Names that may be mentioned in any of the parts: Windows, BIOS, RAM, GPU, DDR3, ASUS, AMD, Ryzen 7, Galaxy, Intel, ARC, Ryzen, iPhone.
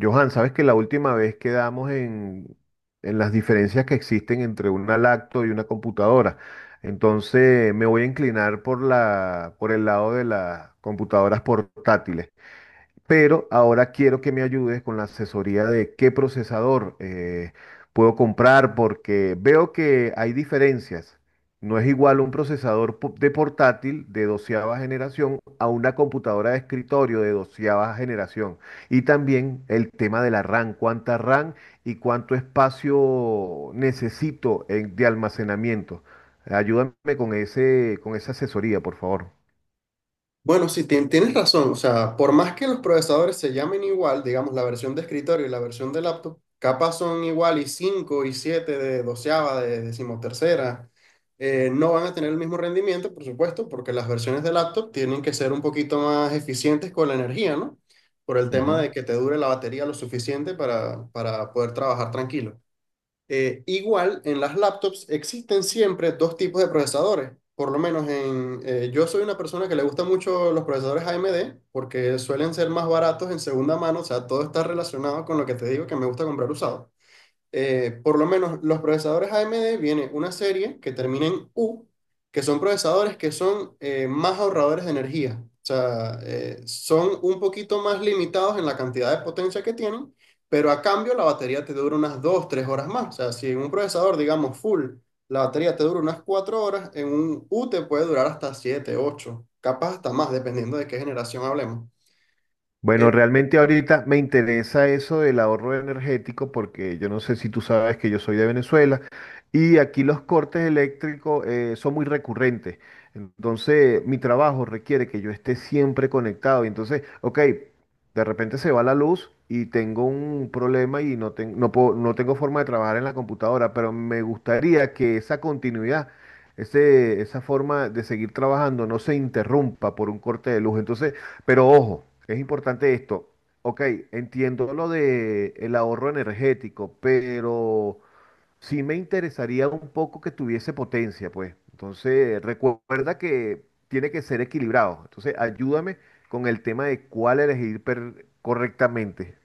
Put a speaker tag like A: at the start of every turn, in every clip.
A: Johan, sabes que la última vez quedamos en las diferencias que existen entre una lacto y una computadora. Entonces me voy a inclinar por por el lado de las computadoras portátiles, pero ahora quiero que me ayudes con la asesoría de qué procesador puedo comprar, porque veo que hay diferencias. No es igual un procesador de portátil de doceava generación a una computadora de escritorio de doceava generación. Y también el tema de la RAM, cuánta RAM y cuánto espacio necesito de almacenamiento. Ayúdame con con esa asesoría, por favor.
B: Bueno, sí, tienes razón. O sea, por más que los procesadores se llamen igual, digamos, la versión de escritorio y la versión de laptop, capaz son igual y 5 y 7 de doceava, de decimotercera, no van a tener el mismo rendimiento, por supuesto, porque las versiones de laptop tienen que ser un poquito más eficientes con la energía, ¿no? Por el tema
A: Ujú.
B: de que te dure la batería lo suficiente para poder trabajar tranquilo. Igual, en las laptops existen siempre dos tipos de procesadores. Por lo menos yo soy una persona que le gusta mucho los procesadores AMD porque suelen ser más baratos en segunda mano, o sea, todo está relacionado con lo que te digo que me gusta comprar usado. Por lo menos, los procesadores AMD viene una serie que termina en U, que son procesadores que son más ahorradores de energía. O sea, son un poquito más limitados en la cantidad de potencia que tienen, pero a cambio la batería te dura unas 2, 3 horas más. O sea, si en un procesador, digamos, full, la batería te dura unas 4 horas, en un U te puede durar hasta 7, 8, capaz hasta más, dependiendo de qué generación hablemos.
A: Bueno, realmente ahorita me interesa eso del ahorro energético porque yo no sé si tú sabes que yo soy de Venezuela y aquí los cortes eléctricos son muy recurrentes. Entonces, mi trabajo requiere que yo esté siempre conectado. Y entonces, ok, de repente se va la luz y tengo un problema y no, no tengo forma de trabajar en la computadora, pero me gustaría que esa continuidad, esa forma de seguir trabajando no se interrumpa por un corte de luz. Entonces, pero ojo, es importante esto. Ok, entiendo lo de el ahorro energético, pero sí me interesaría un poco que tuviese potencia, pues. Entonces, recuerda que tiene que ser equilibrado. Entonces, ayúdame con el tema de cuál elegir correctamente.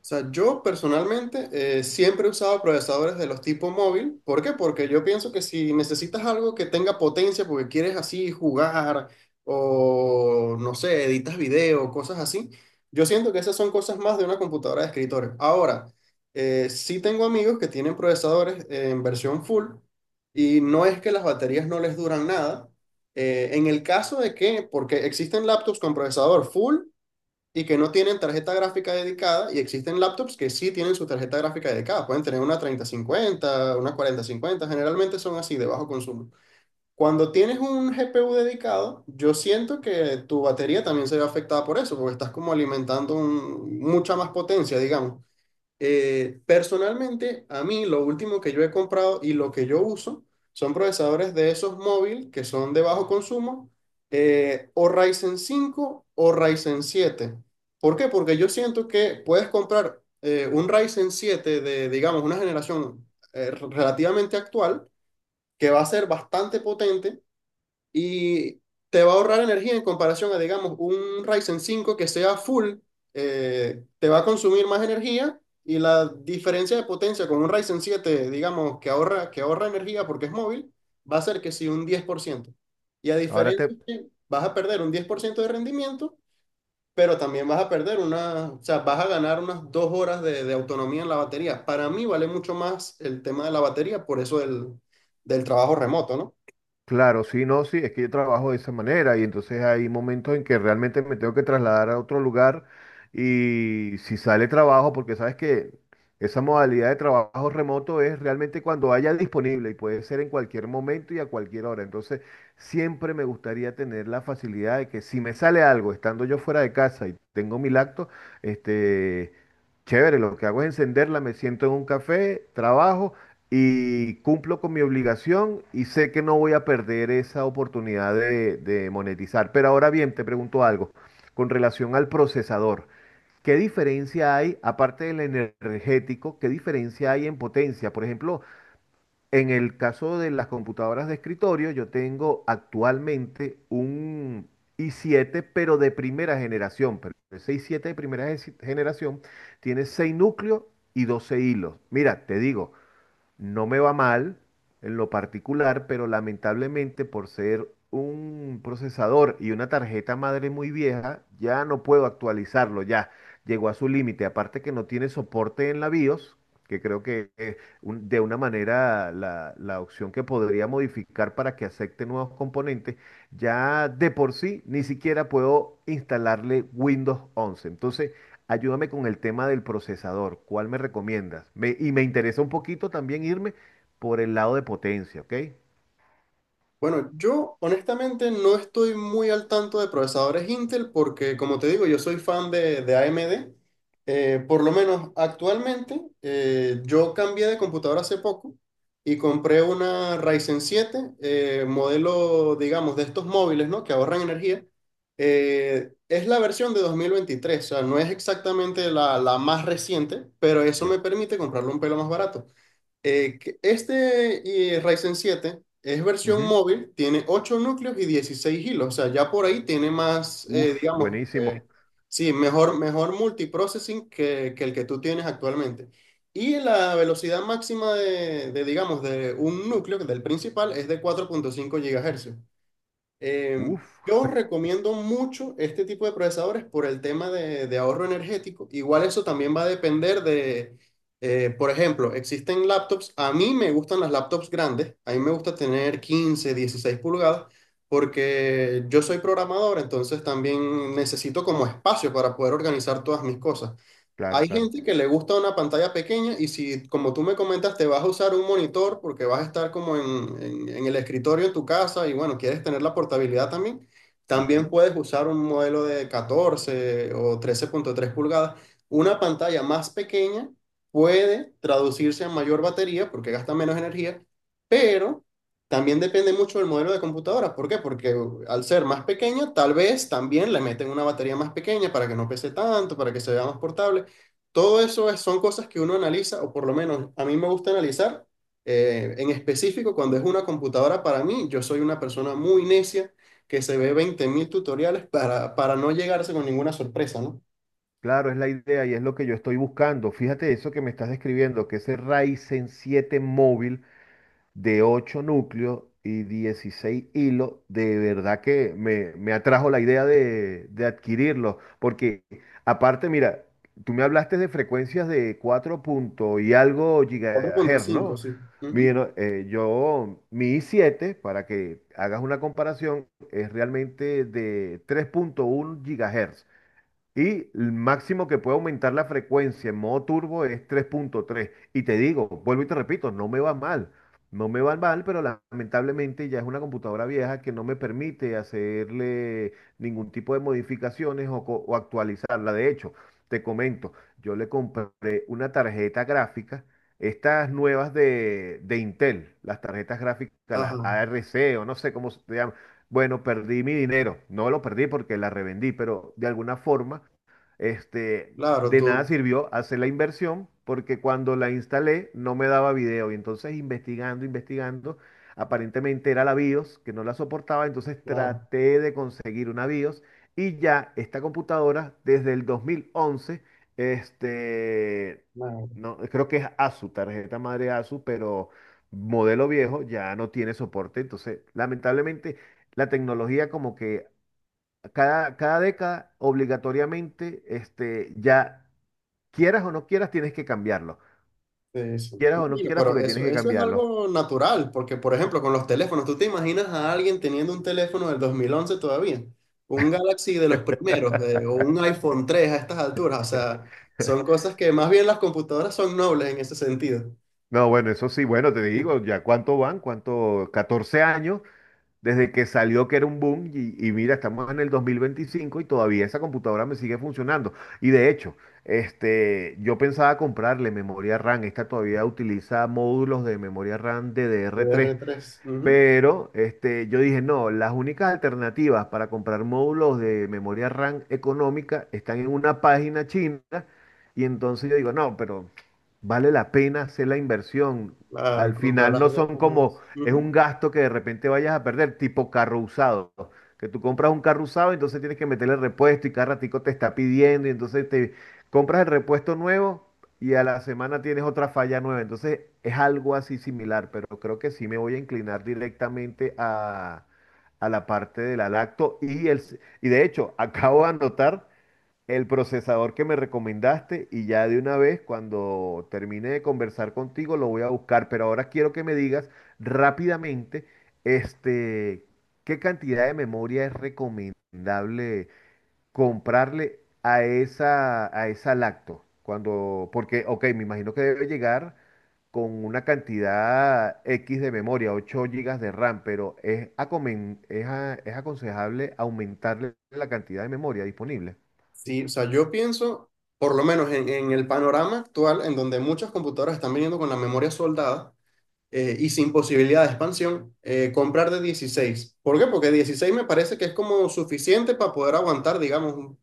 B: O sea, yo personalmente siempre he usado procesadores de los tipo móvil. ¿Por qué? Porque yo pienso que si necesitas algo que tenga potencia porque quieres así jugar o no sé, editas video, cosas así, yo siento que esas son cosas más de una computadora de escritorio. Ahora, sí tengo amigos que tienen procesadores en versión full y no es que las baterías no les duran nada. En el caso de que, porque existen laptops con procesador full y que no tienen tarjeta gráfica dedicada y existen laptops que sí tienen su tarjeta gráfica dedicada. Pueden tener una treinta cincuenta una cuarenta cincuenta, generalmente son así de bajo consumo. Cuando tienes un GPU dedicado, yo siento que tu batería también se ve afectada por eso, porque estás como alimentando mucha más potencia, digamos. Personalmente, a mí lo último que yo he comprado y lo que yo uso son procesadores de esos móviles que son de bajo consumo, o Ryzen cinco o Ryzen siete. ¿Por qué? Porque yo siento que puedes comprar un Ryzen siete de, digamos, una generación relativamente actual que va a ser bastante potente y te va a ahorrar energía en comparación a, digamos, un Ryzen cinco que sea full. Te va a consumir más energía y la diferencia de potencia con un Ryzen siete, digamos, que ahorra, energía porque es móvil, va a ser que sí un 10%. Y a
A: Ahora
B: diferencia
A: te...
B: que vas a perder un 10% de rendimiento, pero también vas a perder una, o sea, vas a ganar unas 2 horas de autonomía en la batería. Para mí vale mucho más el tema de la batería, por eso del trabajo remoto, ¿no?
A: Claro, sí, no, sí, es que yo trabajo de esa manera y entonces hay momentos en que realmente me tengo que trasladar a otro lugar y si sale trabajo, porque sabes que esa modalidad de trabajo remoto es realmente cuando haya disponible y puede ser en cualquier momento y a cualquier hora. Entonces, siempre me gustaría tener la facilidad de que si me sale algo estando yo fuera de casa y tengo mi lacto, este, chévere, lo que hago es encenderla, me siento en un café, trabajo y cumplo con mi obligación y sé que no voy a perder esa oportunidad de monetizar. Pero ahora bien, te pregunto algo con relación al procesador. ¿Qué diferencia hay, aparte del energético, qué diferencia hay en potencia? Por ejemplo, en el caso de las computadoras de escritorio, yo tengo actualmente un i7, pero de primera generación. Pero ese i7 de primera generación tiene 6 núcleos y 12 hilos. Mira, te digo, no me va mal en lo particular, pero lamentablemente por ser un procesador y una tarjeta madre muy vieja, ya no puedo actualizarlo, ya llegó a su límite. Aparte que no tiene soporte en la BIOS, que creo que de una manera la opción que podría modificar para que acepte nuevos componentes, ya de por sí ni siquiera puedo instalarle Windows 11. Entonces, ayúdame con el tema del procesador. ¿Cuál me recomiendas? Y me interesa un poquito también irme por el lado de potencia, ¿ok?
B: Bueno, yo honestamente no estoy muy al tanto de procesadores Intel porque, como te digo, yo soy fan de AMD. Por lo menos actualmente, yo cambié de computadora hace poco y compré una Ryzen siete, modelo, digamos, de estos móviles, ¿no? Que ahorran energía. Es la versión de 2023, o sea, no es exactamente la, la más reciente, pero eso
A: Uy.
B: me permite comprarlo un pelo más barato. Que este Ryzen siete es versión
A: Ujú.
B: móvil, tiene 8 núcleos y 16 hilos, o sea, ya por ahí tiene más,
A: Uf,
B: digamos,
A: buenísimo.
B: sí, mejor multiprocessing que el que tú tienes actualmente. Y la velocidad máxima digamos, de un núcleo, del principal, es de 4,5 GHz. Eh,
A: Uf,
B: yo recomiendo mucho este tipo de procesadores por el tema de ahorro energético. Igual eso también va a depender de, por ejemplo, existen laptops, a mí me gustan las laptops grandes, a mí me gusta tener 15, 16 pulgadas, porque yo soy programador, entonces también necesito como espacio para poder organizar todas mis cosas.
A: claro,
B: Hay
A: claro.
B: gente que le gusta una pantalla pequeña y si, como tú me comentas, te vas a usar un monitor porque vas a estar como en el escritorio en tu casa y bueno, quieres tener la portabilidad también, también
A: Ujú.
B: puedes usar un modelo de 14 o 13,3 pulgadas. Una pantalla más pequeña puede traducirse a mayor batería porque gasta menos energía, pero también depende mucho del modelo de computadora. ¿Por qué? Porque al ser más pequeña, tal vez también le meten una batería más pequeña para que no pese tanto, para que se vea más portable. Todo eso son cosas que uno analiza, o por lo menos a mí me gusta analizar. En específico, cuando es una computadora para mí, yo soy una persona muy necia que se ve 20.000 tutoriales para no llegarse con ninguna sorpresa, ¿no?
A: Claro, es la idea y es lo que yo estoy buscando. Fíjate eso que me estás describiendo, que ese Ryzen 7 móvil de 8 núcleos y 16 hilos, de verdad que me atrajo la idea de adquirirlo, porque aparte, mira, tú me hablaste de frecuencias de 4 punto y algo
B: cuatro punto
A: gigahertz,
B: cinco
A: ¿no?
B: sí. Ujú.
A: Mira, yo, mi i7, para que hagas una comparación, es realmente de tres punto uno gigahertz. Y el máximo que puede aumentar la frecuencia en modo turbo es 3.3. Y te digo, vuelvo y te repito, no me va mal. No me va mal, pero lamentablemente ya es una computadora vieja que no me permite hacerle ningún tipo de modificaciones o, o actualizarla. De hecho, te comento, yo le compré una tarjeta gráfica, estas nuevas de Intel, las tarjetas gráficas, las
B: Ajá,
A: ARC, o no sé cómo se llaman. Bueno, perdí mi dinero. No lo perdí porque la revendí, pero de alguna forma este,
B: claro,
A: de nada
B: tú,
A: sirvió hacer la inversión porque cuando la instalé no me daba video y entonces investigando, investigando, aparentemente era la BIOS que no la soportaba, entonces
B: claro,
A: traté de conseguir una BIOS y ya esta computadora desde el 2011, este,
B: claro.
A: no, creo que es ASUS, tarjeta madre ASUS, pero modelo viejo ya no tiene soporte, entonces lamentablemente la tecnología como que cada década, obligatoriamente, este, ya quieras o no quieras, tienes que cambiarlo.
B: Sí, sí.
A: Quieras
B: No,
A: o no
B: mira,
A: quieras,
B: pero
A: porque tienes
B: eso,
A: que
B: eso es
A: cambiarlo.
B: algo natural, porque por ejemplo con los teléfonos, ¿tú te imaginas a alguien teniendo un teléfono del 2011 todavía? Un Galaxy de los primeros, o un iPhone 3 a estas alturas, o sea, son cosas que más bien las computadoras son nobles en ese sentido.
A: No, bueno, eso sí, bueno, te digo, ya cuánto van, cuánto, 14 años desde que salió que era un boom y mira, estamos en el 2025 y todavía esa computadora me sigue funcionando. Y de hecho, este, yo pensaba comprarle memoria RAM, esta todavía utiliza módulos de memoria RAM DDR3.
B: dr tres, ujú.
A: Pero este, yo dije, no, las únicas alternativas para comprar módulos de memoria RAM económica están en una página china. Y entonces yo digo, no, pero vale la pena hacer la inversión.
B: Claro, y
A: Al
B: comprar
A: final no
B: algo
A: son como,
B: más,
A: es
B: ujú.
A: un gasto que de repente vayas a perder, tipo carro usado. Que tú compras un carro usado, entonces tienes que meterle repuesto y cada ratico te está pidiendo y entonces te compras el repuesto nuevo y a la semana tienes otra falla nueva. Entonces es algo así similar, pero creo que sí me voy a inclinar directamente a la parte de la lacto y y de hecho acabo de anotar el procesador que me recomendaste y ya de una vez cuando termine de conversar contigo lo voy a buscar, pero ahora quiero que me digas rápidamente este qué cantidad de memoria es recomendable comprarle a a esa lacto. Cuando, porque, ok, me imagino que debe llegar con una cantidad X de memoria, 8 gigas de RAM, pero es aconsejable aumentarle la cantidad de memoria disponible.
B: Sí, o sea, yo pienso, por lo menos en el panorama actual, en donde muchas computadoras están viniendo con la memoria soldada, y sin posibilidad de expansión. Comprar de 16. ¿Por qué? Porque 16 me parece que es como suficiente para poder aguantar, digamos,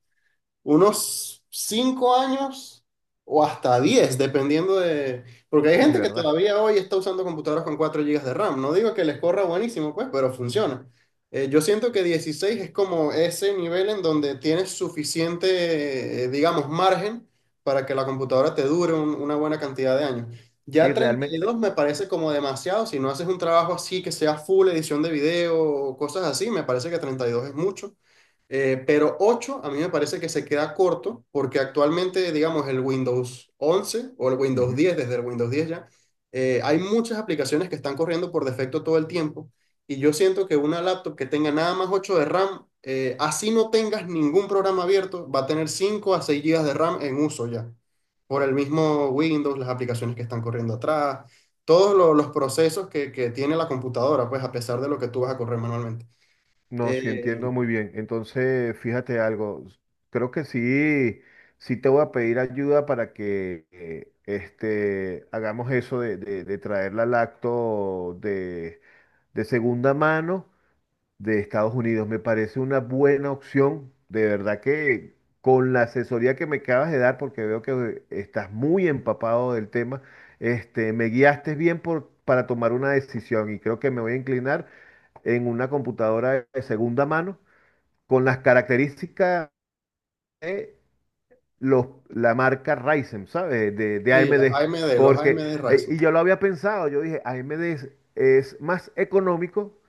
B: unos 5 años o hasta 10 dependiendo de... Porque hay
A: Sí,
B: gente que
A: ¿verdad?
B: todavía hoy está usando computadoras con 4 gigas de RAM. No digo que les corra buenísimo, pues, pero funciona. Yo siento que 16 es como ese nivel en donde tienes suficiente, digamos, margen para que la computadora te dure una buena cantidad de años. Ya
A: Y
B: treinta y
A: realmente...
B: dos me parece como demasiado. Si no haces un trabajo así que sea full edición de video o cosas así, me parece que 32 es mucho. Pero 8 a mí me parece que se queda corto porque actualmente, digamos, el Windows 11 o el Windows 10, desde el Windows 10 ya, hay muchas aplicaciones que están corriendo por defecto todo el tiempo y yo siento que una laptop que tenga nada más 8 de RAM, así no tengas ningún programa abierto, va a tener 5 a 6 gigas de RAM en uso ya, por el mismo Windows, las aplicaciones que están corriendo atrás, todos los procesos que tiene la computadora, pues a pesar de lo que tú vas a correr manualmente.
A: No, sí entiendo
B: Eh,
A: muy bien. Entonces, fíjate algo. Creo que sí, sí te voy a pedir ayuda para que este, hagamos eso de traer la lacto de segunda mano de Estados Unidos. Me parece una buena opción. De verdad que con la asesoría que me acabas de dar, porque veo que estás muy empapado del tema, este, me guiaste bien para tomar una decisión y creo que me voy a inclinar en una computadora de segunda mano con las características de los, la marca Ryzen, ¿sabes? De
B: Sí,
A: AMD.
B: AMD, los
A: Porque,
B: AMD
A: y
B: Ryzen.
A: yo lo había pensado, yo dije, AMD es más económico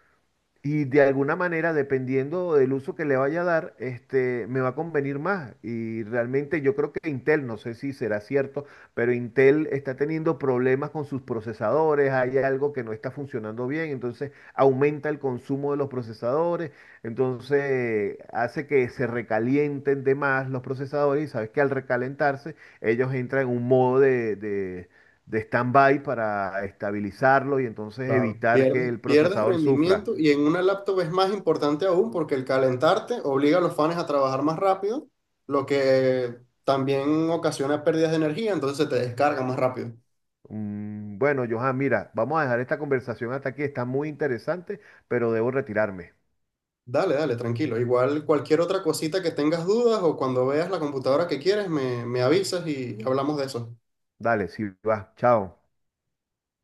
A: y de alguna manera, dependiendo del uso que le vaya a dar, este, me va a convenir más. Y realmente yo creo que Intel, no sé si será cierto, pero Intel está teniendo problemas con sus procesadores, hay algo que no está funcionando bien, entonces aumenta el consumo de los procesadores, entonces hace que se recalienten de más los procesadores y sabes que al recalentarse ellos entran en un modo de stand-by para estabilizarlo y entonces
B: Claro.
A: evitar que
B: Pierdes,
A: el
B: pierdes
A: procesador sufra.
B: rendimiento y en una laptop es más importante aún porque el calentarte obliga a los fans a trabajar más rápido, lo que también ocasiona pérdidas de energía, entonces se te descarga más rápido.
A: Mm. Bueno, Johan, mira, vamos a dejar esta conversación hasta aquí. Está muy interesante, pero debo retirarme.
B: Dale, dale, tranquilo. Igual cualquier otra cosita que tengas dudas o cuando veas la computadora que quieres, me avisas y hablamos de eso.
A: Dale, si vas, chao.